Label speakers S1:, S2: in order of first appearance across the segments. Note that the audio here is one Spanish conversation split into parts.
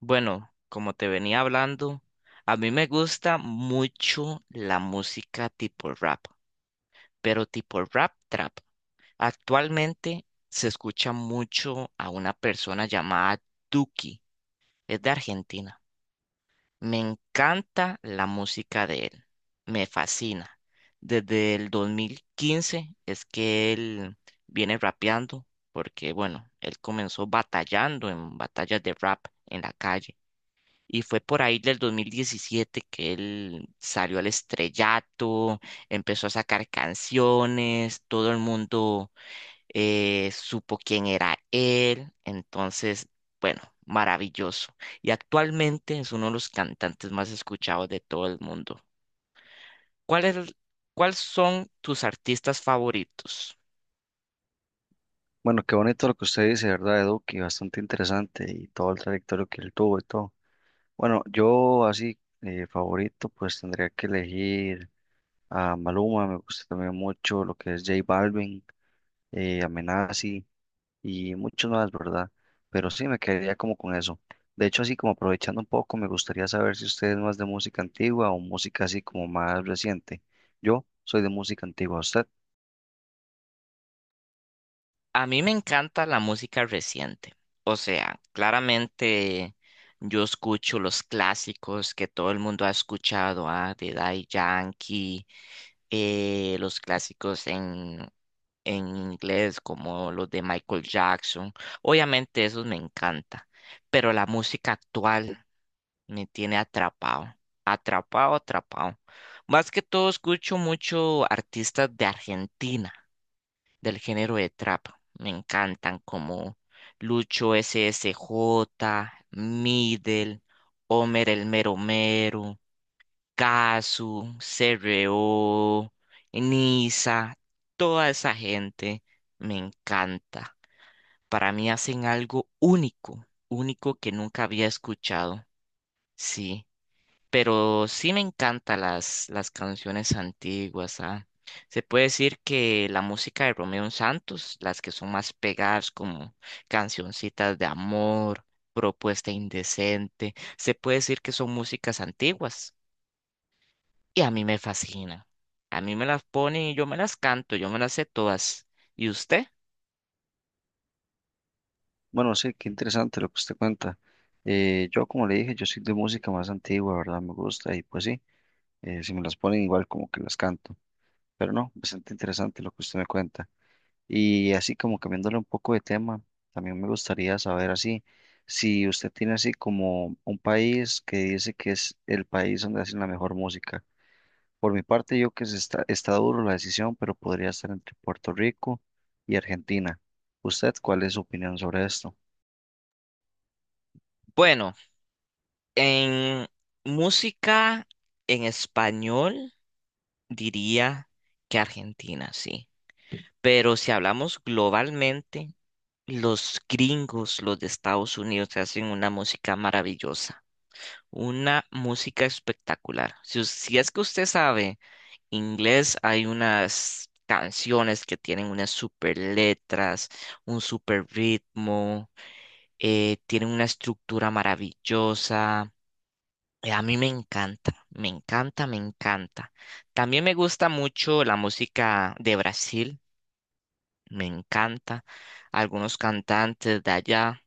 S1: Bueno, como te venía hablando, a mí me gusta mucho la música tipo rap, pero tipo rap trap. Actualmente se escucha mucho a una persona llamada Duki, es de Argentina. Me encanta la música de él, me fascina. Desde el 2015 es que él viene rapeando, porque bueno, él comenzó batallando en batallas de rap en la calle y fue por ahí del 2017 que él salió al estrellato, empezó a sacar canciones, todo el mundo supo quién era él, entonces, bueno, maravilloso. Y actualmente es uno de los cantantes más escuchados de todo el mundo. ¿Cuál es- el- cuál son tus artistas favoritos?
S2: Bueno, qué bonito lo que usted dice, ¿verdad, Edu? Que bastante interesante y todo el trayectorio que él tuvo y todo. Bueno, yo así favorito, pues tendría que elegir a Maluma. Me gusta también mucho lo que es J Balvin, Amenazi y muchos más, ¿verdad? Pero sí, me quedaría como con eso. De hecho, así como aprovechando un poco, me gustaría saber si usted es más de música antigua o música así como más reciente. Yo soy de música antigua, ¿usted?
S1: A mí me encanta la música reciente. O sea, claramente yo escucho los clásicos que todo el mundo ha escuchado, ah, de Daddy Yankee, los clásicos en inglés como los de Michael Jackson. Obviamente esos me encanta, pero la música actual me tiene atrapado, atrapado, atrapado. Más que todo escucho mucho artistas de Argentina del género de trap. Me encantan como Lucho S S J, Middle, Homer el Mero Mero, Kazu, CRO, Nisa, toda esa gente me encanta. Para mí hacen algo único, único que nunca había escuchado. Sí. Pero sí me encantan las canciones antiguas, ¿ah? Se puede decir que la música de Romeo Santos, las que son más pegadas como cancioncitas de amor, propuesta indecente, se puede decir que son músicas antiguas y a mí me fascina. A mí me las ponen y yo me las canto, yo me las sé todas. ¿Y usted?
S2: Bueno, sí, qué interesante lo que usted cuenta. Yo, como le dije, yo soy de música más antigua, ¿verdad? Me gusta y pues sí, si me las ponen igual como que las canto. Pero no, bastante interesante lo que usted me cuenta. Y así como cambiándole un poco de tema, también me gustaría saber así, si usted tiene así como un país que dice que es el país donde hacen la mejor música. Por mi parte, yo que se está, está duro la decisión, pero podría estar entre Puerto Rico y Argentina. ¿Usted cuál es su opinión sobre esto?
S1: Bueno, en música en español diría que Argentina, sí. Pero si hablamos globalmente, los gringos, los de Estados Unidos, hacen una música maravillosa, una música espectacular. Si es que usted sabe inglés, hay unas canciones que tienen unas super letras, un super ritmo, tienen una estructura maravillosa. A mí me encanta, me encanta, me encanta. También me gusta mucho la música de Brasil. Me encanta. Algunos cantantes de allá,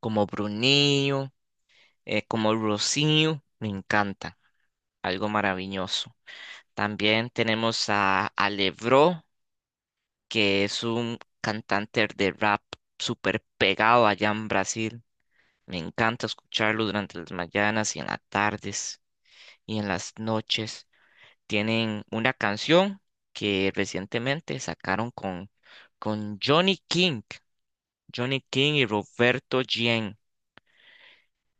S1: como Brunillo, como Rocío, me encanta, algo maravilloso. También tenemos a, Levró que es un cantante de rap súper pegado allá en Brasil. Me encanta escucharlo durante las mañanas y en las tardes y en las noches. Tienen una canción que recientemente sacaron con Johnny King, Johnny King y Roberto Gien.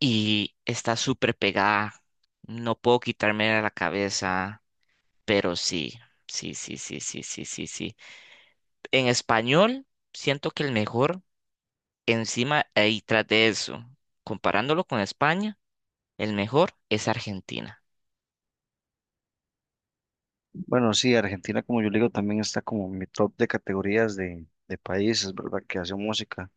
S1: Y está súper pegada. No puedo quitarme de la cabeza, pero sí, sí, sí, sí, sí, sí, sí, sí. En español, siento que el mejor, encima y tras de eso, comparándolo con España, el mejor es Argentina.
S2: Bueno, sí, Argentina, como yo le digo, también está como en mi top de categorías de países, ¿verdad? Que hacen música.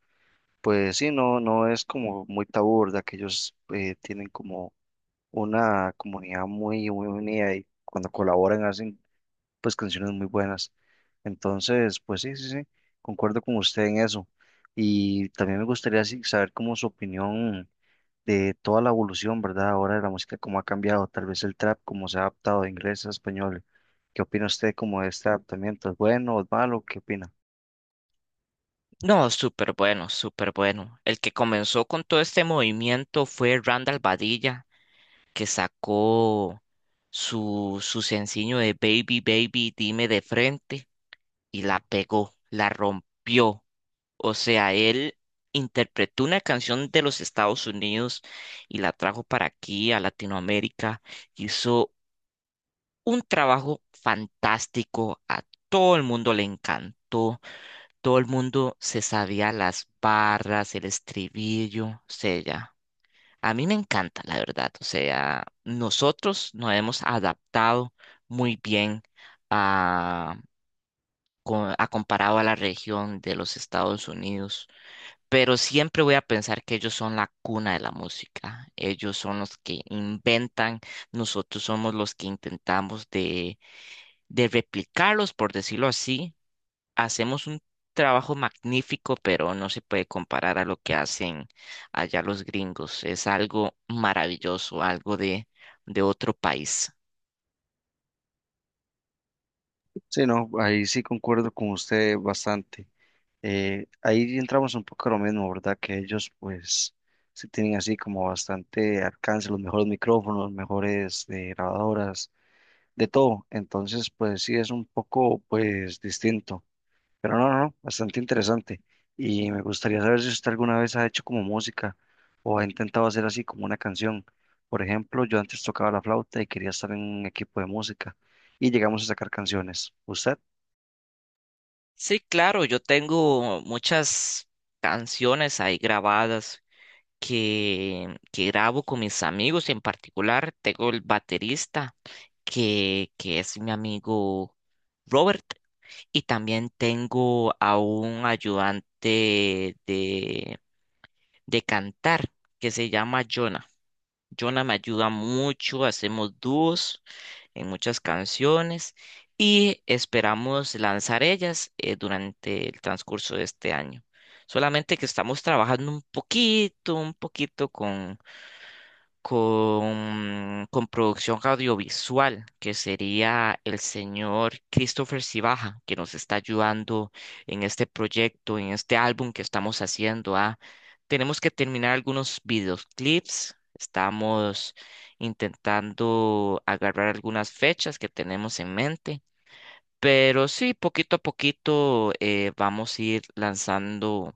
S2: Pues sí, no, no es como muy tabú, ¿verdad? Que ellos tienen como una comunidad muy, muy unida, y cuando colaboran hacen pues canciones muy buenas. Entonces, pues sí, sí, sí, concuerdo con usted en eso. Y también me gustaría sí, saber como su opinión de toda la evolución, ¿verdad? Ahora de la música, cómo ha cambiado, tal vez el trap, cómo se ha adaptado de inglés a español. ¿Qué opina usted como de este adaptamiento? ¿Es bueno o es malo? ¿Qué opina?
S1: No, súper bueno, súper bueno. El que comenzó con todo este movimiento fue Randall Badilla, que sacó su sencillo de Baby, Baby, dime de frente y la pegó, la rompió. O sea, él interpretó una canción de los Estados Unidos y la trajo para aquí, a Latinoamérica. Hizo un trabajo fantástico. A todo el mundo le encantó. Todo el mundo se sabía las barras, el estribillo. O sea, ya. A mí me encanta, la verdad. O sea, nosotros nos hemos adaptado muy bien a, a comparado a la región de los Estados Unidos. Pero siempre voy a pensar que ellos son la cuna de la música. Ellos son los que inventan, nosotros somos los que intentamos de, replicarlos, por decirlo así. Hacemos un trabajo magnífico, pero no se puede comparar a lo que hacen allá los gringos. Es algo maravilloso, algo de, otro país.
S2: Sí, no, ahí sí concuerdo con usted bastante. Ahí entramos un poco a lo mismo, ¿verdad? Que ellos pues sí tienen así como bastante alcance, los mejores micrófonos, mejores grabadoras, de todo. Entonces pues sí es un poco pues distinto. Pero no, no, no, bastante interesante. Y me gustaría saber si usted alguna vez ha hecho como música o ha intentado hacer así como una canción. Por ejemplo, yo antes tocaba la flauta y quería estar en un equipo de música y llegamos a sacar canciones. ¿Usted?
S1: Sí, claro, yo tengo muchas canciones ahí grabadas que grabo con mis amigos, en particular tengo el baterista que, es mi amigo Robert y también tengo a un ayudante de cantar que se llama Jonah. Jonah me ayuda mucho, hacemos dúos en muchas canciones y esperamos lanzar ellas durante el transcurso de este año. Solamente que estamos trabajando un poquito con producción audiovisual, que sería el señor Christopher Cibaja, que nos está ayudando en este proyecto, en este álbum que estamos haciendo. Ah. Tenemos que terminar algunos videoclips, estamos intentando agarrar algunas fechas que tenemos en mente. Pero sí, poquito a poquito vamos a ir lanzando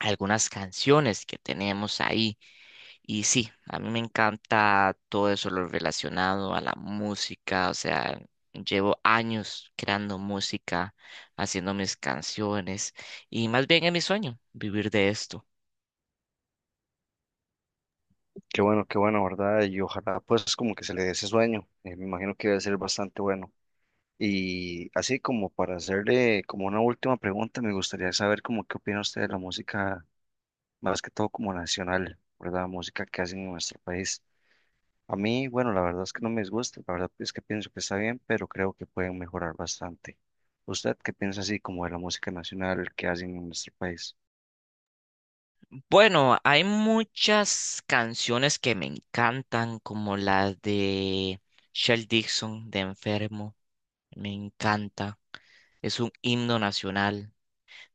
S1: algunas canciones que tenemos ahí. Y sí, a mí me encanta todo eso, lo relacionado a la música, o sea, llevo años creando música, haciendo mis canciones y más bien es mi sueño vivir de esto.
S2: Qué bueno, ¿verdad? Y ojalá pues como que se le dé ese sueño. Me imagino que debe ser bastante bueno. Y así como para hacerle como una última pregunta, me gustaría saber como qué opina usted de la música, más que todo como nacional, ¿verdad? Música que hacen en nuestro país. A mí, bueno, la verdad es que no me disgusta, la verdad es que pienso que está bien, pero creo que pueden mejorar bastante. ¿Usted qué piensa así como de la música nacional que hacen en nuestro país?
S1: Bueno, hay muchas canciones que me encantan, como la de Shel Dixon de Enfermo, me encanta, es un himno nacional.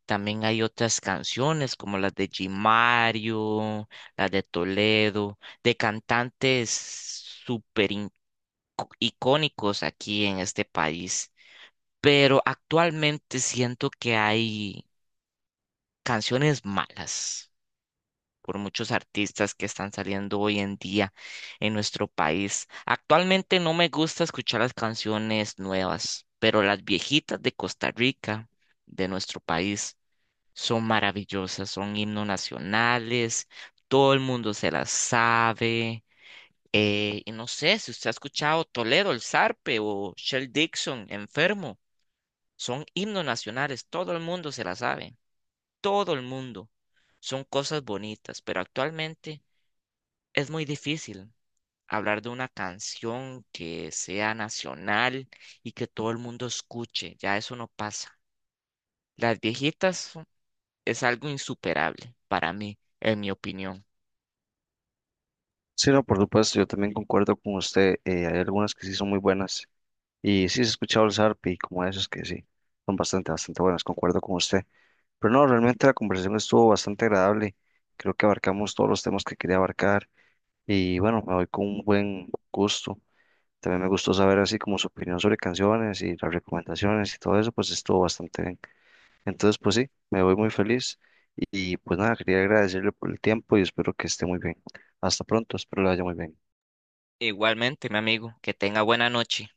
S1: También hay otras canciones como las de G. Mario, las de Toledo, de cantantes súper in- icónicos aquí en este país. Pero actualmente siento que hay canciones malas por muchos artistas que están saliendo hoy en día en nuestro país. Actualmente no me gusta escuchar las canciones nuevas, pero las viejitas de Costa Rica, de nuestro país son maravillosas, son himnos nacionales, todo el mundo se las sabe. Y no sé si usted ha escuchado Toledo, el Zarpe o Shell Dixon, Enfermo, son himnos nacionales, todo el mundo se las sabe, todo el mundo. Son cosas bonitas, pero actualmente es muy difícil hablar de una canción que sea nacional y que todo el mundo escuche, ya eso no pasa. Las viejitas es algo insuperable para mí, en mi opinión.
S2: Sí, no, por supuesto, yo también concuerdo con usted. Hay algunas que sí son muy buenas, y sí he escuchado el zarpe y como esas que sí, son bastante, bastante buenas, concuerdo con usted. Pero no, realmente la conversación estuvo bastante agradable, creo que abarcamos todos los temas que quería abarcar y bueno, me voy con un buen gusto. También me gustó saber así como su opinión sobre canciones y las recomendaciones y todo eso, pues estuvo bastante bien. Entonces, pues sí, me voy muy feliz y pues nada, quería agradecerle por el tiempo y espero que esté muy bien. Hasta pronto, espero le vaya muy bien.
S1: Igualmente, mi amigo, que tenga buena noche.